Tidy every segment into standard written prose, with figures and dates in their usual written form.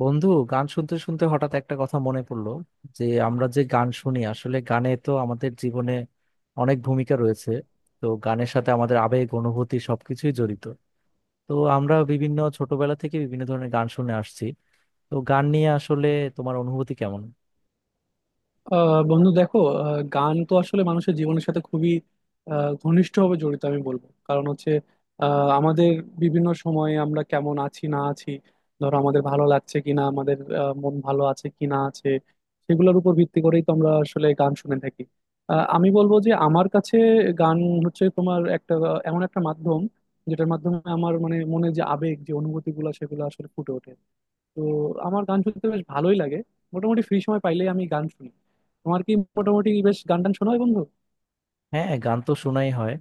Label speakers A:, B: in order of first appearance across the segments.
A: বন্ধু, গান শুনতে শুনতে হঠাৎ একটা কথা মনে পড়লো যে আমরা যে গান শুনি, আসলে গানে তো আমাদের জীবনে অনেক ভূমিকা রয়েছে। তো গানের সাথে আমাদের আবেগ, অনুভূতি সবকিছুই জড়িত। তো আমরা বিভিন্ন ছোটবেলা থেকে বিভিন্ন ধরনের গান শুনে আসছি। তো গান নিয়ে আসলে তোমার অনুভূতি কেমন?
B: বন্ধু, দেখো। গান তো আসলে মানুষের জীবনের সাথে খুবই ঘনিষ্ঠভাবে জড়িত আমি বলবো। কারণ হচ্ছে আমাদের বিভিন্ন সময়ে আমরা কেমন আছি না আছি, ধরো আমাদের ভালো লাগছে কিনা, আমাদের মন ভালো আছে কি না আছে, সেগুলোর উপর ভিত্তি করেই তো আমরা আসলে গান শুনে থাকি। আমি বলবো যে আমার কাছে গান হচ্ছে তোমার একটা এমন একটা মাধ্যম, যেটার মাধ্যমে আমার মানে মনে যে আবেগ যে অনুভূতিগুলো সেগুলো আসলে ফুটে ওঠে। তো আমার গান শুনতে বেশ ভালোই লাগে। মোটামুটি ফ্রি সময় পাইলেই আমি গান শুনি। তোমার কি মোটামুটি বেশ গান টান শোনা হয় বন্ধু?
A: হ্যাঁ, গান তো শোনাই হয়।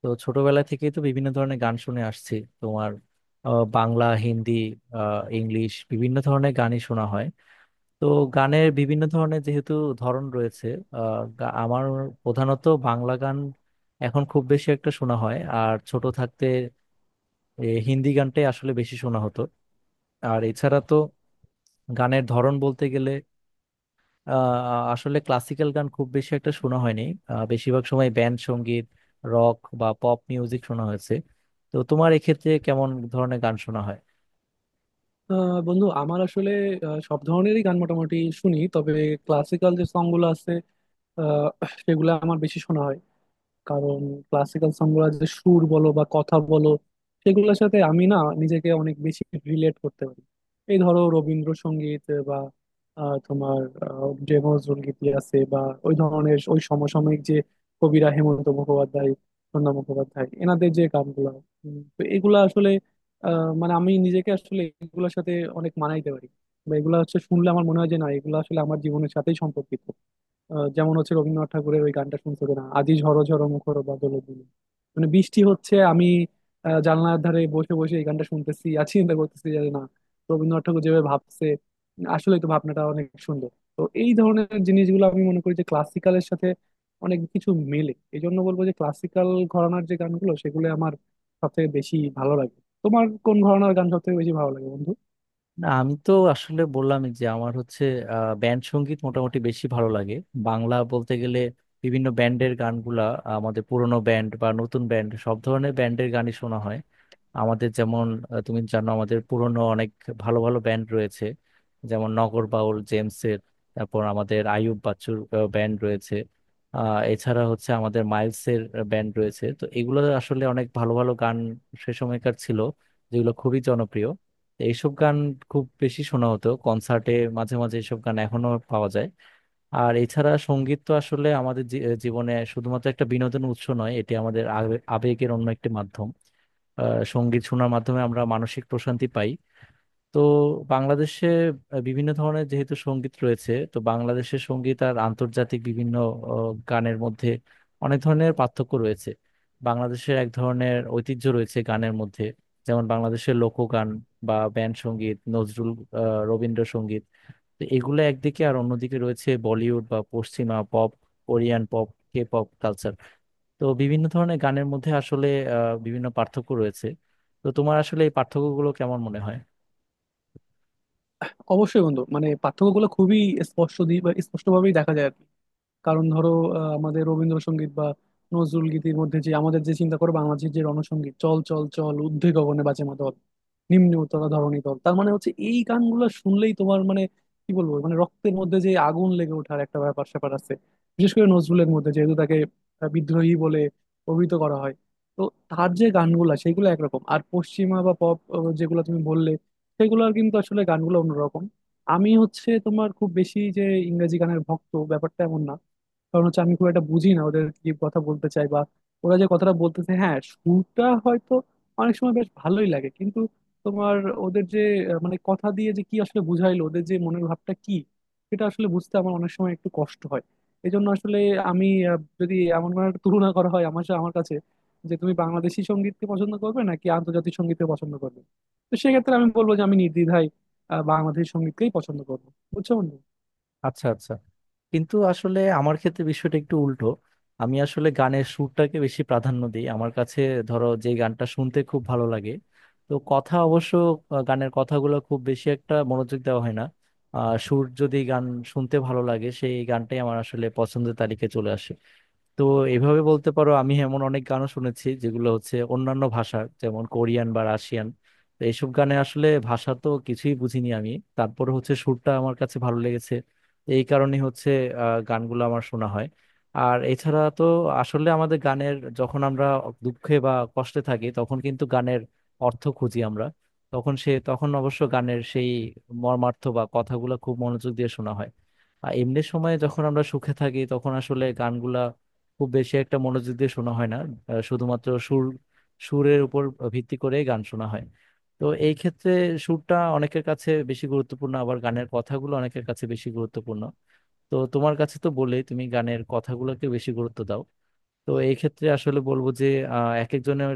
A: তো ছোটবেলা থেকেই তো বিভিন্ন ধরনের গান শুনে আসছি। তোমার বাংলা, হিন্দি, ইংলিশ, বিভিন্ন ধরনের গানই শোনা হয়। তো গানের বিভিন্ন ধরনের যেহেতু ধরন রয়েছে, আমার প্রধানত বাংলা গান এখন খুব বেশি একটা শোনা হয়। আর ছোট থাকতে হিন্দি গানটাই আসলে বেশি শোনা হতো। আর এছাড়া তো গানের ধরন বলতে গেলে আহ, আসলে ক্লাসিক্যাল গান খুব বেশি একটা শোনা হয়নি। বেশিরভাগ সময় ব্যান্ড সঙ্গীত, রক বা পপ মিউজিক শোনা হয়েছে। তো তোমার এক্ষেত্রে কেমন ধরনের গান শোনা হয়?
B: বন্ধু, আমার আসলে সব ধরনেরই গান মোটামুটি শুনি, তবে ক্লাসিক্যাল যে সং গুলো আছে আহ, সেগুলো আমার বেশি শোনা হয়। কারণ ক্লাসিক্যাল সংগুলো যে সুর বলো বা কথা বলো, সেগুলোর সাথে আমি না নিজেকে অনেক বেশি রিলেট করতে পারি। এই ধরো রবীন্দ্রসঙ্গীত বা তোমার যে নজরুল গীতি আছে, বা ওই ধরনের, ওই সমসাময়িক যে কবিরা হেমন্ত মুখোপাধ্যায়, প্রণব মুখোপাধ্যায়, এনাদের যে গানগুলো। তো এগুলা আসলে মানে আমি নিজেকে আসলে এগুলোর সাথে অনেক মানাইতে পারি, বা এগুলা হচ্ছে শুনলে আমার মনে হয় যে না এগুলো আসলে আমার জীবনের সাথেই সম্পর্কিত। যেমন হচ্ছে রবীন্দ্রনাথ ঠাকুরের ওই গানটা শুনছো কিনা, আজি ঝরো ঝরো মুখর বাদল দিনে। মানে বৃষ্টি হচ্ছে, আমি জানলার ধারে বসে বসে এই গানটা শুনতেছি আর চিন্তা করতেছি যে না, রবীন্দ্রনাথ ঠাকুর যেভাবে ভাবছে আসলে তো ভাবনাটা অনেক সুন্দর। তো এই ধরনের জিনিসগুলো আমি মনে করি যে ক্লাসিক্যালের সাথে অনেক কিছু মেলে। এই জন্য বলবো যে ক্লাসিক্যাল ঘরানার যে গানগুলো সেগুলো আমার সবথেকে বেশি ভালো লাগে। তোমার কোন ঘরানার গান সবথেকে বেশি ভালো লাগে বন্ধু?
A: না, আমি তো আসলে বললামই যে আমার হচ্ছে ব্যান্ড সঙ্গীত মোটামুটি বেশি ভালো লাগে। বাংলা বলতে গেলে বিভিন্ন ব্যান্ডের গানগুলা, আমাদের পুরনো ব্যান্ড বা নতুন ব্যান্ড, সব ধরনের ব্যান্ডের গানই শোনা হয়। আমাদের যেমন তুমি জানো, আমাদের পুরনো অনেক ভালো ভালো ব্যান্ড রয়েছে। যেমন নগর বাউল জেমসের, তারপর আমাদের আইয়ুব বাচ্চুর ব্যান্ড রয়েছে। এছাড়া হচ্ছে আমাদের মাইলসের ব্যান্ড রয়েছে। তো এগুলো আসলে অনেক ভালো ভালো গান সে সময়কার ছিল, যেগুলো খুবই জনপ্রিয়। এইসব গান খুব বেশি শোনা হতো কনসার্টে। মাঝে মাঝে এইসব গান এখনো পাওয়া যায়। আর এছাড়া সঙ্গীত তো আসলে আমাদের জীবনে শুধুমাত্র একটা বিনোদন উৎস নয়, এটি আমাদের আবেগের অন্য একটি মাধ্যম। সঙ্গীত শোনার মাধ্যমে আমরা মানসিক প্রশান্তি পাই। তো বাংলাদেশে বিভিন্ন ধরনের যেহেতু সঙ্গীত রয়েছে, তো বাংলাদেশের সঙ্গীত আর আন্তর্জাতিক বিভিন্ন গানের মধ্যে অনেক ধরনের পার্থক্য রয়েছে। বাংলাদেশের এক ধরনের ঐতিহ্য রয়েছে গানের মধ্যে, যেমন বাংলাদেশের লোকগান বা ব্যান্ড সঙ্গীত, নজরুল, রবীন্দ্রসঙ্গীত। তো এগুলো একদিকে, আর অন্যদিকে রয়েছে বলিউড বা পশ্চিমা pop, Korean pop, K pop culture. তো বিভিন্ন ধরনের গানের মধ্যে আসলে বিভিন্ন পার্থক্য রয়েছে। তো তোমার আসলে এই পার্থক্যগুলো কেমন মনে হয়?
B: অবশ্যই বন্ধু, মানে পার্থক্যগুলো খুবই স্পষ্ট দিয়ে স্পষ্টভাবেই দেখা যায় আর কি। কারণ ধরো আমাদের রবীন্দ্রসঙ্গীত বা নজরুল গীতির মধ্যে যে, আমাদের যে চিন্তা করো বাংলাদেশের যে রণসঙ্গীত, চল চল চল ঊর্ধ্বে গগনে বাজে মাদল নিম্নে উতলা ধরণী তল, তার মানে হচ্ছে এই গানগুলো শুনলেই তোমার মানে কি বলবো মানে রক্তের মধ্যে যে আগুন লেগে ওঠার একটা ব্যাপার স্যাপার আছে। বিশেষ করে নজরুলের মধ্যে, যেহেতু তাকে বিদ্রোহী বলে অভিহিত করা হয়। তো তার যে গানগুলা সেগুলো একরকম, আর পশ্চিমা বা পপ যেগুলো তুমি বললে সেগুলোর কিন্তু আসলে গানগুলো অন্যরকম। আমি হচ্ছে তোমার খুব বেশি যে ইংরেজি গানের ভক্ত, ব্যাপারটা এমন না। কারণ হচ্ছে আমি খুব একটা বুঝি না ওদের কি কথা বলতে চাই, বা ওরা যে কথাটা বলতেছে। হ্যাঁ, সুরটা হয়তো অনেক সময় বেশ ভালোই লাগে, কিন্তু তোমার ওদের যে মানে কথা দিয়ে যে কি আসলে বুঝাইলো, ওদের যে মনের ভাবটা কি সেটা আসলে বুঝতে আমার অনেক সময় একটু কষ্ট হয়। এই জন্য আসলে আমি যদি এমন কোনো একটা তুলনা করা হয় আমার আমার কাছে যে তুমি বাংলাদেশি সঙ্গীতকে পছন্দ করবে নাকি আন্তর্জাতিক সঙ্গীতকে পছন্দ করবে, তো সেক্ষেত্রে আমি বলবো যে আমি নির্দ্বিধায় বাংলাদেশি সঙ্গীতকেই পছন্দ করবো। বুঝছো বন্ধু?
A: আচ্ছা, আচ্ছা। কিন্তু আসলে আমার ক্ষেত্রে বিষয়টা একটু উল্টো। আমি আসলে গানের সুরটাকে বেশি প্রাধান্য দিই। আমার কাছে ধরো যে গানটা শুনতে খুব ভালো লাগে, তো কথা অবশ্য, গানের কথাগুলো খুব বেশি একটা মনোযোগ দেওয়া হয় না। সুর যদি গান শুনতে ভালো লাগে, সেই গানটাই আমার আসলে পছন্দের তালিকায় চলে আসে। তো এভাবে বলতে পারো, আমি এমন অনেক গানও শুনেছি যেগুলো হচ্ছে অন্যান্য ভাষা, যেমন কোরিয়ান বা রাশিয়ান। তো এইসব গানে আসলে ভাষা তো কিছুই বুঝিনি আমি। তারপরে হচ্ছে সুরটা আমার কাছে ভালো লেগেছে, এই কারণে হচ্ছে গানগুলো আমার শোনা হয়। আর এছাড়া তো আসলে আমাদের গানের, যখন আমরা দুঃখে বা কষ্টে থাকি, তখন কিন্তু গানের অর্থ খুঁজি আমরা। তখন তখন অবশ্য গানের সেই মর্মার্থ বা কথাগুলো খুব মনোযোগ দিয়ে শোনা হয়। আর এমনি সময়ে যখন আমরা সুখে থাকি, তখন আসলে গানগুলা খুব বেশি একটা মনোযোগ দিয়ে শোনা হয় না। শুধুমাত্র সুর, সুরের উপর ভিত্তি করেই গান শোনা হয়। তো এই ক্ষেত্রে সুরটা অনেকের কাছে বেশি গুরুত্বপূর্ণ, আবার গানের কথাগুলো অনেকের কাছে বেশি গুরুত্বপূর্ণ। তো তোমার কাছে তো বলেই, তুমি গানের কথাগুলোকে বেশি গুরুত্ব দাও। তো এই ক্ষেত্রে আসলে বলবো যে এক একজনের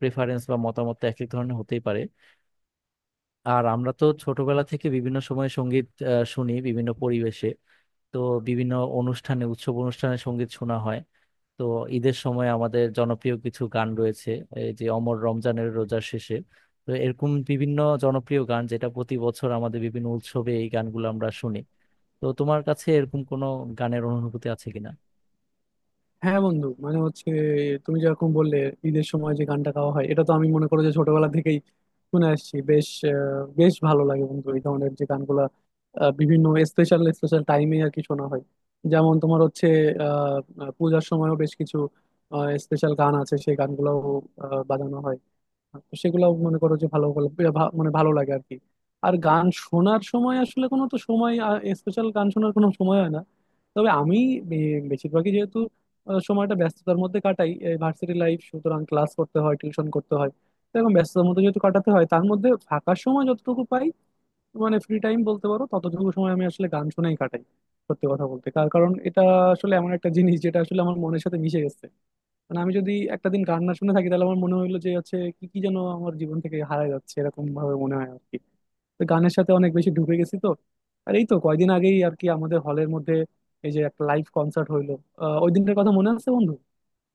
A: প্রেফারেন্স বা মতামত এক এক ধরনের হতেই পারে। আর আমরা তো ছোটবেলা থেকে বিভিন্ন সময় সঙ্গীত শুনি বিভিন্ন পরিবেশে। তো বিভিন্ন অনুষ্ঠানে, উৎসব অনুষ্ঠানে সঙ্গীত শোনা হয়। তো ঈদের সময় আমাদের জনপ্রিয় কিছু গান রয়েছে, এই যে অমর রমজানের রোজার শেষে। তো এরকম বিভিন্ন জনপ্রিয় গান যেটা প্রতি বছর আমাদের বিভিন্ন উৎসবে এই গানগুলো আমরা শুনি। তো তোমার কাছে এরকম কোনো গানের অনুভূতি আছে কিনা?
B: হ্যাঁ বন্ধু, মানে হচ্ছে তুমি যেরকম বললে ঈদের সময় যে গানটা গাওয়া হয়, এটা তো আমি মনে করো যে ছোটবেলা থেকেই শুনে আসছি। বেশ ভালো লাগে বন্ধু। এই ধরনের যে গানগুলা বিভিন্ন স্পেশাল স্পেশাল টাইমে আর কি শোনা হয়। যেমন তোমার হচ্ছে আহ আহ, পূজার সময়ও বেশ কিছু স্পেশাল গান আছে, সেই গানগুলোও বাজানো হয়। তো সেগুলো মনে করো যে ভালো ভালো, এ মানে ভালো লাগে আর কি। আর গান শোনার সময় আসলে কোনো তো সময়, স্পেশাল গান শোনার কোনো সময় হয় না। তবে আমি বেশিরভাগই যেহেতু সময়টা ব্যস্ততার মধ্যে কাটাই, ভার্সিটি লাইফ, সুতরাং ক্লাস করতে হয়, টিউশন করতে হয়। তো এরকম ব্যস্ততার মধ্যে যেহেতু কাটাতে হয়, তার মধ্যে ফাঁকা সময় যতটুকু পাই, মানে ফ্রি টাইম বলতে পারো, ততটুকু সময় আমি আসলে গান শুনেই কাটাই। সত্যি কথা বলতে তার কারণ, এটা আসলে এমন একটা জিনিস যেটা আসলে আমার মনের সাথে মিশে গেছে। মানে আমি যদি একটা দিন গান না শুনে থাকি, তাহলে আমার মনে হইলো যে হচ্ছে কি কি যেন আমার জীবন থেকে হারায় যাচ্ছে, এরকম ভাবে মনে হয় আর কি। তো গানের সাথে অনেক বেশি ঢুকে গেছি তো। আর এই তো কয়দিন আগেই আর কি আমাদের হলের মধ্যে এই যে একটা লাইভ কনসার্ট হইলো, ওই দিনটার কথা মনে আছে বন্ধু?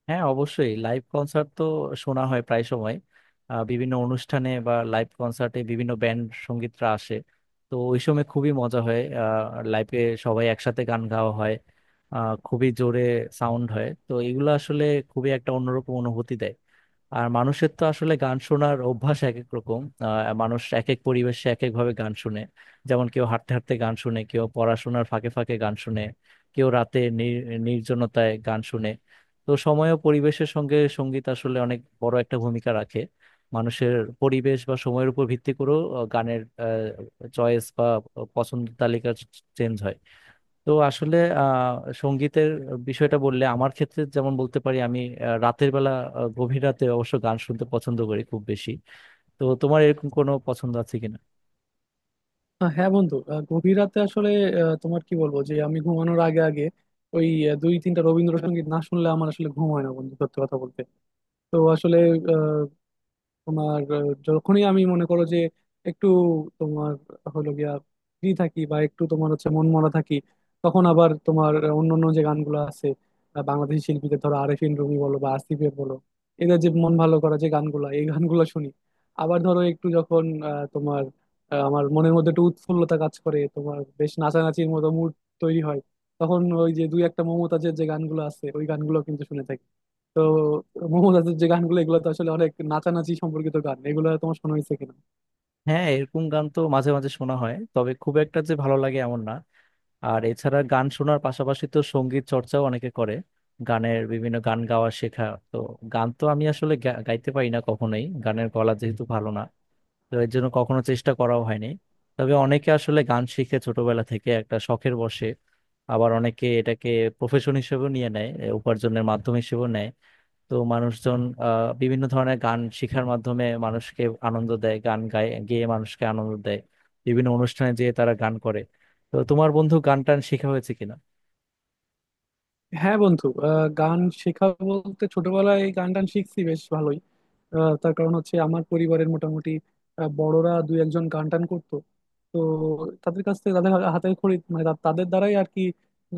A: হ্যাঁ, অবশ্যই লাইভ কনসার্ট তো শোনা হয় প্রায় সময়। বিভিন্ন অনুষ্ঠানে বা লাইভ কনসার্টে বিভিন্ন ব্যান্ড সঙ্গীতরা আসে। তো ওই সময় খুবই মজা হয়। লাইভে সবাই একসাথে গান গাওয়া হয়। খুবই জোরে সাউন্ড হয়। তো এগুলো আসলে খুবই একটা অন্যরকম অনুভূতি দেয়। আর মানুষের তো আসলে গান শোনার অভ্যাস এক এক রকম। মানুষ এক এক পরিবেশে এক এক ভাবে গান শুনে। যেমন কেউ হাঁটতে হাঁটতে গান শুনে, কেউ পড়াশোনার ফাঁকে ফাঁকে গান শুনে, কেউ রাতে নির্জনতায় গান শুনে। তো সময় ও পরিবেশের সঙ্গে সঙ্গীত আসলে অনেক বড় একটা ভূমিকা রাখে। মানুষের পরিবেশ বা সময়ের উপর ভিত্তি করেও গানের চয়েস বা পছন্দ তালিকা চেঞ্জ হয়। তো আসলে সঙ্গীতের বিষয়টা বললে, আমার ক্ষেত্রে যেমন বলতে পারি, আমি রাতের বেলা, গভীর রাতে অবশ্য গান শুনতে পছন্দ করি খুব বেশি। তো তোমার এরকম কোনো পছন্দ আছে কিনা?
B: হ্যাঁ বন্ধু, গভীর রাতে আসলে তোমার কি বলবো, যে আমি ঘুমানোর আগে আগে ওই দুই তিনটা রবীন্দ্রসঙ্গীত না শুনলে আমার আসলে ঘুম হয় না বন্ধু, সত্যি কথা বলতে। তো আসলে তোমার যখনই আমি মনে করো যে একটু তোমার হলো গিয়া ফ্রি থাকি, বা একটু তোমার হচ্ছে মনমরা থাকি, তখন আবার তোমার অন্যান্য যে গানগুলো আছে বাংলাদেশি শিল্পীদের, ধরো আরেফিন রুমি বলো বা আসিফের বলো, এদের যে মন ভালো করা যে গানগুলো, এই গানগুলো শুনি। আবার ধরো একটু যখন তোমার আমার মনের মধ্যে একটু উৎফুল্লতা কাজ করে, তোমার বেশ নাচানাচির মতো মুড তৈরি হয়, তখন ওই যে দুই একটা মমতাজের যে গানগুলো আছে, ওই গানগুলো কিন্তু শুনে থাকি। তো মমতাজের যে গানগুলো এগুলো তো আসলে অনেক নাচানাচি সম্পর্কিত গান, এগুলো তোমার শোনা হয়েছে কিনা?
A: হ্যাঁ, এরকম গান তো মাঝে মাঝে শোনা হয়, তবে খুব একটা যে ভালো লাগে এমন না। আর এছাড়া গান শোনার পাশাপাশি তো সঙ্গীত চর্চাও অনেকে করে, গানের বিভিন্ন গান গাওয়া শেখা। তো গান তো আমি আসলে গাইতে পারি না কখনোই, গানের গলা যেহেতু ভালো না। তো এর জন্য কখনো চেষ্টা করাও হয়নি। তবে অনেকে আসলে গান শিখে ছোটবেলা থেকে একটা শখের বশে। আবার অনেকে এটাকে প্রফেশন হিসেবেও নিয়ে নেয়, এ উপার্জনের মাধ্যম হিসেবেও নেয়। তো মানুষজন বিভিন্ন ধরনের গান শেখার মাধ্যমে মানুষকে আনন্দ দেয়, গান গায়, গেয়ে মানুষকে আনন্দ দেয়। বিভিন্ন অনুষ্ঠানে যেয়ে তারা গান করে। তো তোমার বন্ধু গান টান শেখা হয়েছে কিনা?
B: হ্যাঁ বন্ধু, গান শেখা বলতে ছোটবেলায় গান টান শিখছি বেশ ভালোই। তার কারণ হচ্ছে আমার পরিবারের মোটামুটি বড়রা দুই একজন গান টান করতো। তো তাদের কাছ থেকে, তাদের হাতে খড়ি, মানে তাদের দ্বারাই আর কি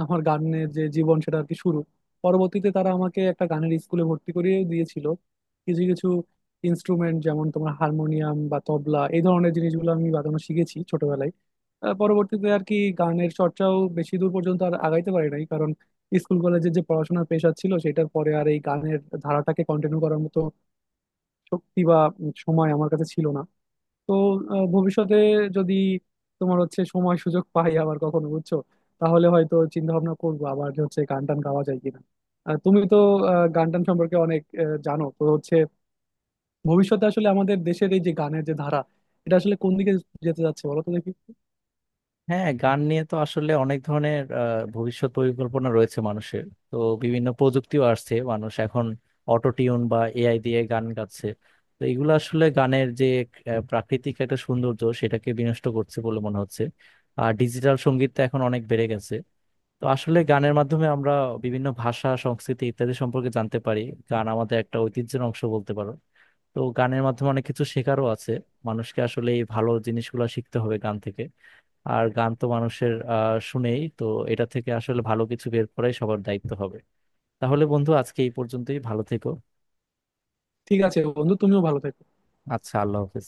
B: আমার গানের যে জীবন সেটা আর কি শুরু। পরবর্তীতে তারা আমাকে একটা গানের স্কুলে ভর্তি করিয়ে দিয়েছিল। কিছু কিছু ইনস্ট্রুমেন্ট, যেমন তোমার হারমোনিয়াম বা তবলা, এই ধরনের জিনিসগুলো আমি বাজানো শিখেছি ছোটবেলায়। পরবর্তীতে আর কি গানের চর্চাও বেশি দূর পর্যন্ত আর আগাইতে পারি নাই। স্কুল কলেজে যে পড়াশোনার পেশা ছিল সেটার পরে আর এই গানের ধারাটাকে কন্টিনিউ করার মতো শক্তি বা সময় আমার কাছে ছিল না। তো ভবিষ্যতে যদি তোমার হচ্ছে সময় সুযোগ পাই আবার কখনো বুঝছো, তাহলে হয়তো চিন্তা ভাবনা করবো আবার যে হচ্ছে গান টান গাওয়া যায় কিনা। তুমি তো গান টান সম্পর্কে অনেক জানো, তো হচ্ছে ভবিষ্যতে আসলে আমাদের দেশের এই যে গানের যে ধারা, এটা আসলে কোন দিকে যেতে যাচ্ছে বলো তো দেখি?
A: হ্যাঁ, গান নিয়ে তো আসলে অনেক ধরনের ভবিষ্যৎ পরিকল্পনা রয়েছে মানুষের। তো বিভিন্ন প্রযুক্তিও আসছে, মানুষ এখন অটো টিউন বা এআই দিয়ে গান গাচ্ছে। তো এগুলো আসলে গানের যে প্রাকৃতিক একটা সৌন্দর্য, সেটাকে বিনষ্ট করছে বলে মনে হচ্ছে। আর ডিজিটাল সঙ্গীত তো এখন অনেক বেড়ে গেছে। তো আসলে গানের মাধ্যমে আমরা বিভিন্ন ভাষা, সংস্কৃতি ইত্যাদি সম্পর্কে জানতে পারি। গান আমাদের একটা ঐতিহ্যের অংশ বলতে পারো। তো গানের মাধ্যমে অনেক কিছু শেখারও আছে। মানুষকে আসলে এই ভালো জিনিসগুলো শিখতে হবে গান থেকে। আর গান তো মানুষের শুনেই তো, এটা থেকে আসলে ভালো কিছু বের করাই সবার দায়িত্ব হবে। তাহলে বন্ধু, আজকে এই পর্যন্তই, ভালো থেকো।
B: ঠিক আছে বন্ধু, তুমিও ভালো থেকো।
A: আচ্ছা, আল্লাহ হাফেজ।